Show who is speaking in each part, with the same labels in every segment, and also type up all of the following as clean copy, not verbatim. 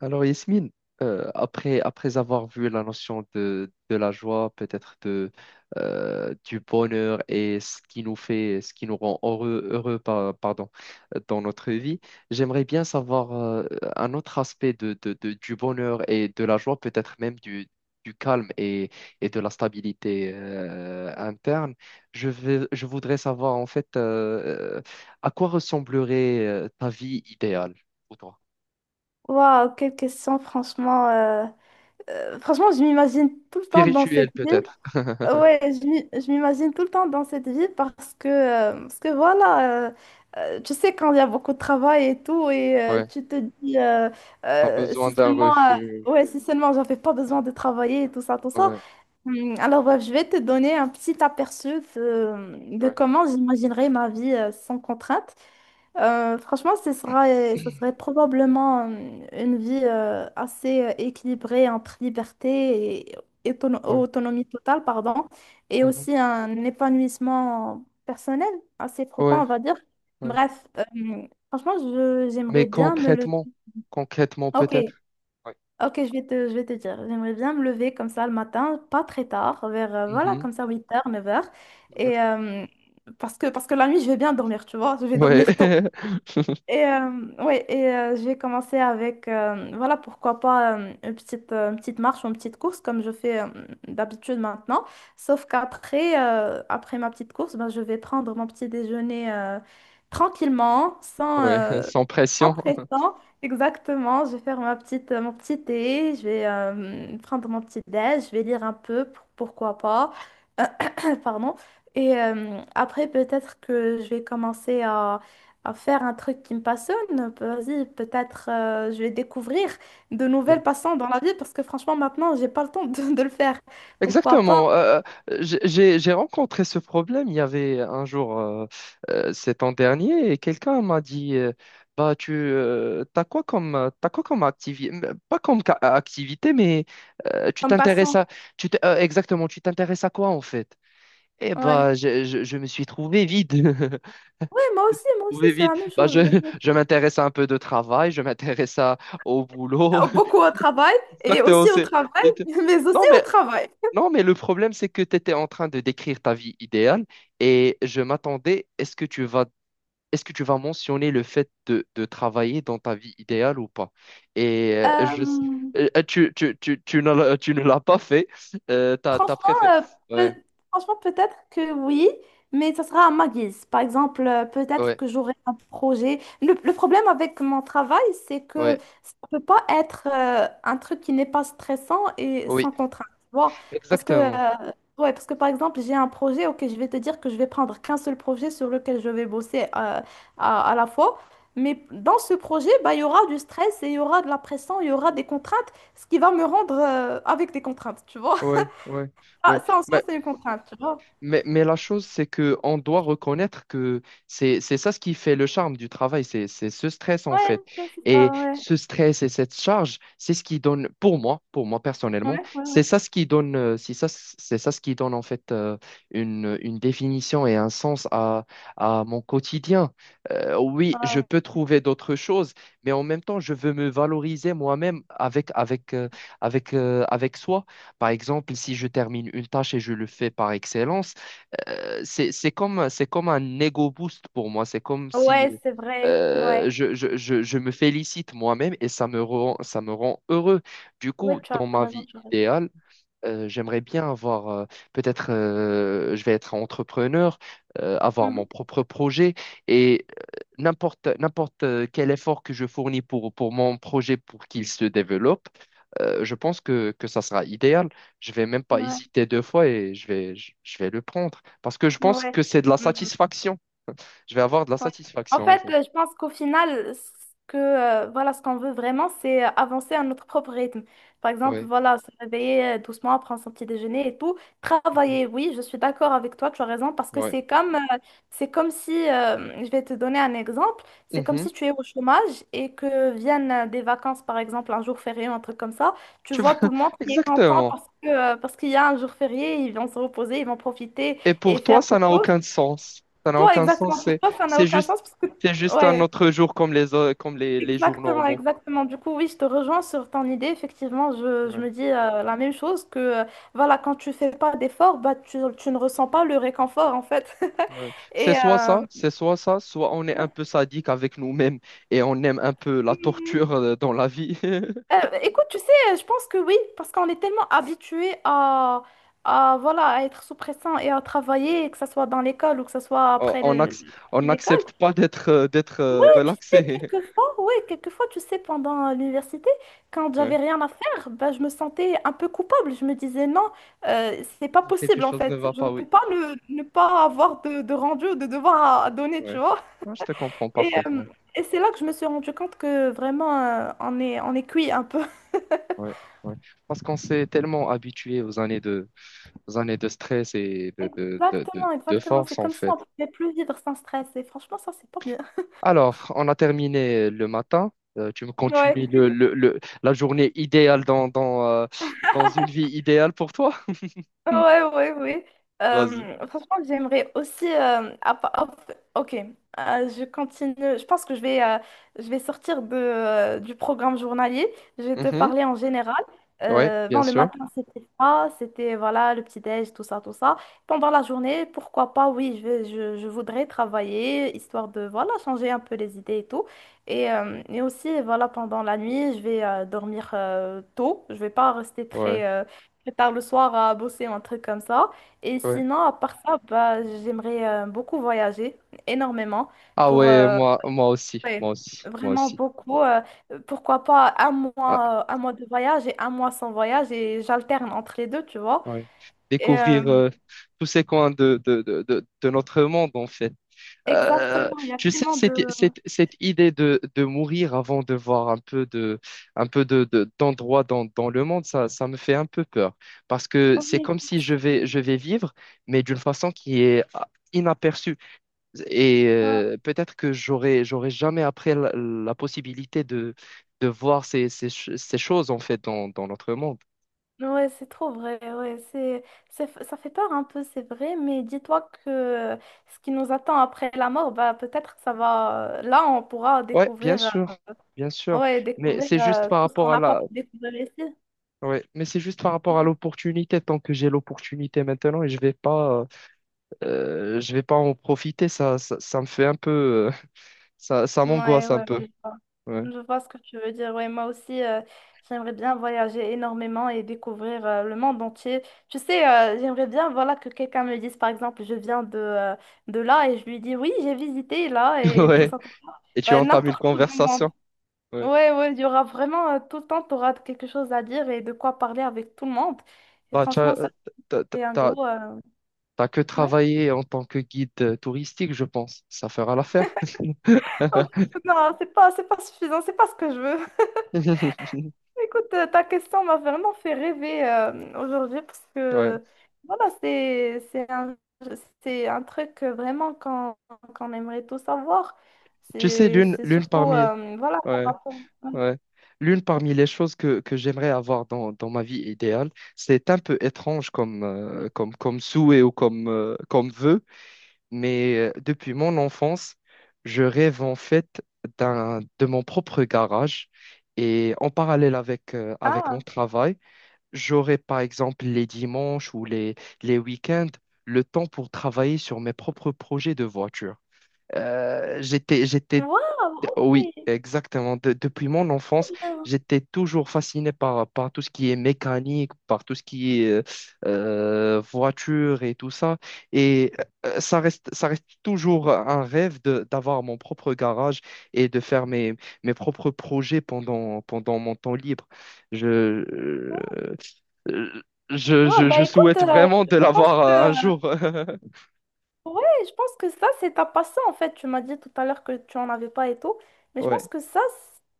Speaker 1: Alors Yasmine, après avoir vu la notion de la joie, peut-être du bonheur et ce qui nous rend heureux, pardon, dans notre vie, j'aimerais bien savoir un autre aspect du bonheur et de la joie, peut-être même du calme et de la stabilité interne. Je voudrais savoir en fait à quoi ressemblerait ta vie idéale pour toi.
Speaker 2: Waouh, quelle question, franchement. Franchement, je m'imagine tout le temps dans cette
Speaker 1: Spirituel
Speaker 2: vie.
Speaker 1: peut-être.
Speaker 2: Ouais, je m'imagine tout le temps dans cette vie parce que voilà, tu sais, quand il y a beaucoup de travail et tout, et
Speaker 1: Ouais,
Speaker 2: tu te dis,
Speaker 1: t'as besoin
Speaker 2: si
Speaker 1: d'un
Speaker 2: seulement,
Speaker 1: refuge.
Speaker 2: ouais, si seulement j'avais pas besoin de travailler et tout ça, tout ça.
Speaker 1: Ouais,
Speaker 2: Alors, bref, je vais te donner un petit aperçu de
Speaker 1: ouais.
Speaker 2: comment j'imaginerais ma vie sans contrainte. Franchement, ce serait probablement une vie assez équilibrée entre liberté et autono-
Speaker 1: Ouais.
Speaker 2: autonomie totale, pardon, et
Speaker 1: Mhm.
Speaker 2: aussi un épanouissement personnel assez
Speaker 1: Ouais,
Speaker 2: profond, on va dire.
Speaker 1: ouais.
Speaker 2: Bref, franchement,
Speaker 1: Mais
Speaker 2: j'aimerais bien me
Speaker 1: concrètement,
Speaker 2: lever.
Speaker 1: concrètement
Speaker 2: Ok,
Speaker 1: peut-être. Ouais.
Speaker 2: ok, je vais te dire. J'aimerais bien me lever comme ça le matin, pas très tard, vers, voilà,
Speaker 1: Mhm.
Speaker 2: comme ça, huit heures neuf heures. Et,
Speaker 1: Exact.
Speaker 2: parce que la nuit, je vais bien dormir, tu vois, je vais
Speaker 1: Ouais.
Speaker 2: dormir tôt. Et ouais, et je vais commencer avec, voilà, pourquoi pas une petite, une petite marche ou une petite course comme je fais d'habitude maintenant. Sauf qu'après, après ma petite course, ben, je vais prendre mon petit déjeuner tranquillement,
Speaker 1: Ouais, sans
Speaker 2: sans
Speaker 1: pression.
Speaker 2: pression. Exactement, je vais faire ma petite, mon petit thé, je vais prendre mon petit déj, je vais lire un peu, pourquoi pas, pardon. Et après, peut-être que je vais commencer à faire un truc qui me passionne. Vas-y, peut-être je vais découvrir de nouvelles passions dans la vie parce que franchement, maintenant, j'ai pas le temps de le faire. Pourquoi pas
Speaker 1: Exactement. J'ai rencontré ce problème. Il y avait un jour, cet an dernier, et quelqu'un m'a dit, bah t'as quoi t'as quoi comme activité, pas comme activité, mais tu
Speaker 2: comme
Speaker 1: t'intéresses
Speaker 2: passant?
Speaker 1: exactement, tu t'intéresses à quoi en fait? Eh
Speaker 2: Ouais.
Speaker 1: bah je me suis trouvé vide.
Speaker 2: Oui, moi aussi,
Speaker 1: Trouvé
Speaker 2: c'est
Speaker 1: vide.
Speaker 2: la même
Speaker 1: Bah
Speaker 2: chose.
Speaker 1: je m'intéresse à un peu de travail, je m'intéresse à au boulot.
Speaker 2: Beaucoup au travail et
Speaker 1: Exactement.
Speaker 2: aussi au travail,
Speaker 1: C'est-
Speaker 2: mais aussi
Speaker 1: non,
Speaker 2: au
Speaker 1: mais
Speaker 2: travail.
Speaker 1: non, mais le problème, c'est que tu étais en train de décrire ta vie idéale et je m'attendais, est-ce que tu vas mentionner le fait de travailler dans ta vie idéale ou pas? Et je,
Speaker 2: Euh,
Speaker 1: tu, tu, tu, tu ne l'as pas fait, t'as
Speaker 2: Franchement,
Speaker 1: préféré.
Speaker 2: euh, peut-
Speaker 1: Ouais,
Speaker 2: Franchement, peut-être que oui, mais ça sera à ma guise. Par exemple, peut-être
Speaker 1: ouais,
Speaker 2: que j'aurai un projet. Le problème avec mon travail, c'est que
Speaker 1: ouais,
Speaker 2: ça ne peut pas être un truc qui n'est pas stressant et
Speaker 1: oui,
Speaker 2: sans contrainte. Tu vois? Parce que,
Speaker 1: exactement.
Speaker 2: ouais, parce que, par exemple, j'ai un projet, ok, je vais te dire que je vais prendre qu'un seul projet sur lequel je vais bosser à la fois. Mais dans ce projet, bah, il y aura du stress et il y aura de la pression, il y aura des contraintes, ce qui va me rendre avec des contraintes, tu vois?
Speaker 1: Ouais, ouais,
Speaker 2: Ah,
Speaker 1: ouais.
Speaker 2: ça en soi, c'est une contrainte, tu vois.
Speaker 1: Mais la chose, c'est que on doit reconnaître que c'est ça ce qui fait le charme du travail, c'est ce stress en
Speaker 2: Ouais,
Speaker 1: fait.
Speaker 2: ok, c'est
Speaker 1: Et
Speaker 2: ça, ouais.
Speaker 1: ce stress et cette charge, c'est ce qui donne, pour moi
Speaker 2: Ouais,
Speaker 1: personnellement,
Speaker 2: ouais, ouais.
Speaker 1: c'est ça ce qui donne, c'est ça ce qui donne en fait une définition et un sens à mon quotidien. Oui, je
Speaker 2: Ouais.
Speaker 1: peux trouver d'autres choses, mais en même temps, je veux me valoriser moi-même avec soi. Par exemple, si je termine une tâche et je le fais par excellence, c'est comme un ego boost pour moi. C'est comme si
Speaker 2: Ouais, c'est vrai. Ouais.
Speaker 1: je me félicite moi-même et ça me rend heureux. Du coup,
Speaker 2: Ouais, tu as
Speaker 1: dans ma
Speaker 2: raison,
Speaker 1: vie
Speaker 2: tu as raison.
Speaker 1: idéale, j'aimerais bien avoir, peut-être, je vais être entrepreneur, avoir
Speaker 2: Mhm.
Speaker 1: mon propre projet et n'importe quel effort que je fournis pour mon projet pour qu'il se développe je pense que, ça sera idéal. Je vais même pas
Speaker 2: Ouais,
Speaker 1: hésiter deux fois et je vais le prendre. Parce que je pense
Speaker 2: ouais.
Speaker 1: que c'est de la
Speaker 2: Mm-hmm.
Speaker 1: satisfaction. Je vais avoir de la
Speaker 2: Ouais. En
Speaker 1: satisfaction, en
Speaker 2: fait,
Speaker 1: fait.
Speaker 2: je pense qu'au final, ce que voilà, ce qu'on veut vraiment, c'est avancer à notre propre rythme. Par exemple,
Speaker 1: Ouais.
Speaker 2: voilà, se réveiller doucement, prendre son petit déjeuner et tout.
Speaker 1: Mhm.
Speaker 2: Travailler, oui, je suis d'accord avec toi, tu as raison, parce que
Speaker 1: Ouais.
Speaker 2: c'est comme si, je vais te donner un exemple, c'est comme
Speaker 1: Mhm.
Speaker 2: si tu es au chômage et que viennent des vacances, par exemple, un jour férié ou un truc comme ça. Tu
Speaker 1: Tu vois,
Speaker 2: vois tout le monde qui est content
Speaker 1: exactement.
Speaker 2: parce que, parce qu'il y a un jour férié, ils vont se reposer, ils vont profiter
Speaker 1: Et
Speaker 2: et
Speaker 1: pour
Speaker 2: faire
Speaker 1: toi,
Speaker 2: des
Speaker 1: ça n'a
Speaker 2: choses.
Speaker 1: aucun sens. Ça n'a
Speaker 2: Toi,
Speaker 1: aucun
Speaker 2: exactement.
Speaker 1: sens.
Speaker 2: Pour toi, ça n'a
Speaker 1: C'est
Speaker 2: aucun
Speaker 1: juste,
Speaker 2: sens parce que...
Speaker 1: c'est juste un
Speaker 2: Ouais,
Speaker 1: autre jour comme les jours
Speaker 2: exactement,
Speaker 1: normaux.
Speaker 2: exactement. Du coup, oui, je te rejoins sur ton idée. Effectivement, je
Speaker 1: Ouais.
Speaker 2: me dis la même chose que, voilà, quand tu fais pas d'effort, bah, tu ne ressens pas le réconfort, en fait.
Speaker 1: Ouais. C'est
Speaker 2: Et
Speaker 1: soit ça, c'est soit ça, soit on est un
Speaker 2: ouais.
Speaker 1: peu sadique avec nous-mêmes et on aime un peu la torture dans la vie.
Speaker 2: Écoute, tu sais, je pense que oui, parce qu'on est tellement habitué à voilà, à être sous pression et à travailler, que ce soit dans l'école ou que ce soit
Speaker 1: on
Speaker 2: après
Speaker 1: on acc- on
Speaker 2: l'école.
Speaker 1: n'accepte pas d'être
Speaker 2: Ouais, tu sais,
Speaker 1: relaxé.
Speaker 2: quelquefois, ouais, quelquefois, tu sais, pendant l'université, quand
Speaker 1: Ouais.
Speaker 2: j'avais rien à faire, ben, je me sentais un peu coupable. Je me disais, non, c'est pas
Speaker 1: Quelque
Speaker 2: possible, en
Speaker 1: chose ne
Speaker 2: fait.
Speaker 1: va
Speaker 2: Je ne
Speaker 1: pas,
Speaker 2: peux
Speaker 1: oui.
Speaker 2: pas ne pas avoir de rendu ou de devoir à donner, tu
Speaker 1: Ouais.
Speaker 2: vois.
Speaker 1: Ouais, je te comprends
Speaker 2: Et, euh,
Speaker 1: parfaitement.
Speaker 2: et c'est là que je me suis rendu compte que vraiment, on est cuit un peu.
Speaker 1: Ouais, ouais. Parce qu'on s'est tellement habitué aux années de stress et de, de, de, de,
Speaker 2: Exactement,
Speaker 1: de
Speaker 2: exactement. C'est
Speaker 1: force, en
Speaker 2: comme si on
Speaker 1: fait.
Speaker 2: pouvait plus vivre sans stress. Et franchement, ça, c'est pas bien.
Speaker 1: Alors, on a terminé le matin. Tu me
Speaker 2: Ouais.
Speaker 1: continues la journée idéale dans une vie idéale pour toi?
Speaker 2: Ouais, ouais, ouais.
Speaker 1: Vas-y.
Speaker 2: Franchement, j'aimerais aussi. Hop, ok. Je continue. Je pense que je vais sortir de, du programme journalier. Je vais te
Speaker 1: Mhm.
Speaker 2: parler en général.
Speaker 1: Ouais, bien
Speaker 2: Bon, le
Speaker 1: sûr.
Speaker 2: matin, c'était ça. C'était voilà, le petit-déj, tout ça, tout ça. Pendant la journée, pourquoi pas, oui, je voudrais travailler, histoire de voilà, changer un peu les idées et tout. Et aussi, voilà, pendant la nuit, je vais dormir tôt. Je vais pas rester
Speaker 1: Ouais,
Speaker 2: très. Plus tard le soir à bosser ou un truc comme ça. Et
Speaker 1: ouais.
Speaker 2: sinon, à part ça, bah, j'aimerais beaucoup voyager, énormément,
Speaker 1: Ah
Speaker 2: pour
Speaker 1: ouais, moi aussi,
Speaker 2: ouais,
Speaker 1: moi aussi, moi
Speaker 2: vraiment
Speaker 1: aussi.
Speaker 2: beaucoup. Pourquoi pas un
Speaker 1: Ah,
Speaker 2: mois, un mois de voyage et un mois sans voyage et j'alterne entre les deux, tu vois.
Speaker 1: ouais.
Speaker 2: Et,
Speaker 1: Découvrir tous ces coins de notre monde, en fait. Euh,
Speaker 2: exactement, il y a
Speaker 1: Tu sais,
Speaker 2: tellement
Speaker 1: cette,
Speaker 2: de...
Speaker 1: cette, cette idée de mourir avant de voir un peu d'endroits dans le monde, ça me fait un peu peur. Parce que
Speaker 2: Oui.
Speaker 1: c'est comme si je vais vivre, mais d'une façon qui est inaperçue. Et
Speaker 2: Ouais.
Speaker 1: peut-être que j'aurai, j'aurai jamais après la possibilité de voir ces choses, en fait, dans notre monde.
Speaker 2: Ouais, c'est trop vrai, ouais, ça fait peur un peu, c'est vrai, mais dis-toi que ce qui nous attend après la mort, bah, peut-être que ça va, là, on pourra
Speaker 1: Ouais, bien
Speaker 2: découvrir.
Speaker 1: sûr, bien sûr.
Speaker 2: Ouais,
Speaker 1: Mais
Speaker 2: découvrir
Speaker 1: c'est juste par
Speaker 2: tout ce
Speaker 1: rapport
Speaker 2: qu'on n'a pas pu découvrir ici.
Speaker 1: ouais, mais c'est juste par rapport à l'opportunité. Tant que j'ai l'opportunité maintenant et je vais pas en profiter, ça me fait un peu, ça
Speaker 2: Ouais,
Speaker 1: m'angoisse un
Speaker 2: ouais,
Speaker 1: peu.
Speaker 2: je vois.
Speaker 1: Ouais.
Speaker 2: Je vois ce que tu veux dire. Ouais, moi aussi, j'aimerais bien voyager énormément et découvrir le monde entier. Tu sais, j'aimerais bien, voilà, que quelqu'un me dise, par exemple, je viens de là et je lui dis, oui, j'ai visité là et tout
Speaker 1: Ouais.
Speaker 2: ça.
Speaker 1: Et tu
Speaker 2: Ouais,
Speaker 1: entames une
Speaker 2: n'importe où dans le monde.
Speaker 1: conversation. Ouais.
Speaker 2: Ouais, ouais, il y aura vraiment, tout le temps, tu auras quelque chose à dire et de quoi parler avec tout le monde. Et
Speaker 1: Bah,
Speaker 2: franchement, ça,
Speaker 1: t'as, t'as-
Speaker 2: c'est un
Speaker 1: t'as-
Speaker 2: gros...
Speaker 1: t'as que
Speaker 2: ouais.
Speaker 1: travaillé en tant que guide touristique, je pense. Ça fera l'affaire.
Speaker 2: Non, c'est pas suffisant, c'est pas ce que je veux. Écoute, ta question m'a vraiment fait rêver aujourd'hui parce
Speaker 1: Ouais.
Speaker 2: que voilà, c'est un truc vraiment qu'on aimerait tous savoir.
Speaker 1: Tu sais,
Speaker 2: C'est
Speaker 1: l'une,
Speaker 2: c'est
Speaker 1: l'une
Speaker 2: surtout,
Speaker 1: parmi,
Speaker 2: voilà,
Speaker 1: ouais.
Speaker 2: par rapport-
Speaker 1: Ouais. L'une parmi les choses que j'aimerais avoir dans ma vie idéale, c'est un peu étrange comme souhait ou comme vœu, mais depuis mon enfance, je rêve en fait de mon propre garage et en parallèle avec mon
Speaker 2: Ah,
Speaker 1: travail, j'aurai par exemple les dimanches ou les week-ends le temps pour travailler sur mes propres projets de voiture. J'étais,
Speaker 2: waouh, ok,
Speaker 1: oui, exactement. Depuis mon enfance,
Speaker 2: bien.
Speaker 1: j'étais toujours fasciné par tout ce qui est mécanique, par tout ce qui est voiture et tout ça. Et ça reste toujours un rêve d'avoir mon propre garage et de faire mes propres projets pendant mon temps libre. Je, euh, euh, je,
Speaker 2: Ouais,
Speaker 1: je,
Speaker 2: bah
Speaker 1: je
Speaker 2: écoute,
Speaker 1: souhaite vraiment de
Speaker 2: je pense
Speaker 1: l'avoir
Speaker 2: que
Speaker 1: un jour.
Speaker 2: ouais, je pense que ça c'est ta passion en fait. Tu m'as dit tout à l'heure que tu en avais pas et tout, mais je pense
Speaker 1: Ouais,
Speaker 2: que ça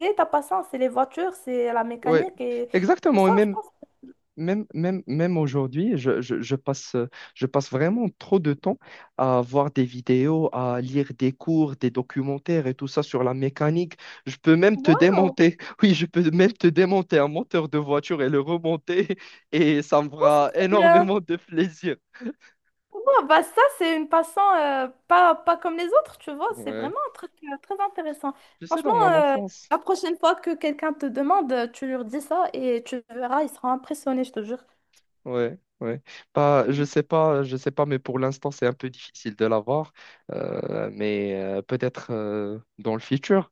Speaker 2: c'est ta passion, c'est les voitures, c'est la
Speaker 1: ouais,
Speaker 2: mécanique et tout
Speaker 1: exactement. Et
Speaker 2: ça, je
Speaker 1: même.
Speaker 2: pense.
Speaker 1: Même, même, même aujourd'hui, je passe vraiment trop de temps à voir des vidéos, à lire des cours, des documentaires et tout ça sur la mécanique. Je peux même te
Speaker 2: Ouais.
Speaker 1: démonter. Oui, je peux même te démonter un moteur de voiture et le remonter et ça me
Speaker 2: Oh,
Speaker 1: fera
Speaker 2: c'est trop bien.
Speaker 1: énormément de plaisir.
Speaker 2: Ouais, bah ça, c'est une passant pas, pas comme les autres, tu vois. C'est
Speaker 1: Ouais.
Speaker 2: vraiment un truc très intéressant.
Speaker 1: Je sais, dans
Speaker 2: Franchement,
Speaker 1: mon enfance.
Speaker 2: la prochaine fois que quelqu'un te demande, tu lui redis ça et tu verras, il sera impressionné, je te jure.
Speaker 1: Ouais, ouais. Pas, je
Speaker 2: Mhm.
Speaker 1: sais pas, je sais pas, mais pour l'instant, c'est un peu difficile de l'avoir. Mais peut-être dans le futur.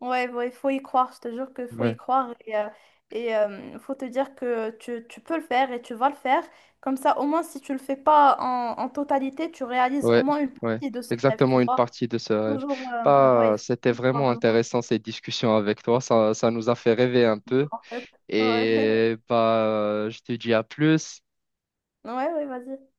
Speaker 2: Ouais, ouais, il faut y croire, je te jure qu'il faut y
Speaker 1: Ouais.
Speaker 2: croire. Et, faut te dire que tu peux le faire et tu vas le faire. Comme ça, au moins, si tu le fais pas en, en totalité, tu réalises au
Speaker 1: Ouais,
Speaker 2: moins une
Speaker 1: ouais,
Speaker 2: partie de ce rêve, tu
Speaker 1: exactement une
Speaker 2: vois.
Speaker 1: partie de ce rêve.
Speaker 2: Toujours, ouais,
Speaker 1: Bah,
Speaker 2: il faut
Speaker 1: c'était
Speaker 2: y
Speaker 1: vraiment
Speaker 2: croire loin.
Speaker 1: intéressant ces discussions avec toi. Ça nous a fait rêver un peu.
Speaker 2: Ouais.
Speaker 1: Et bah, je te dis à plus.
Speaker 2: Ouais, ouais, vas-y,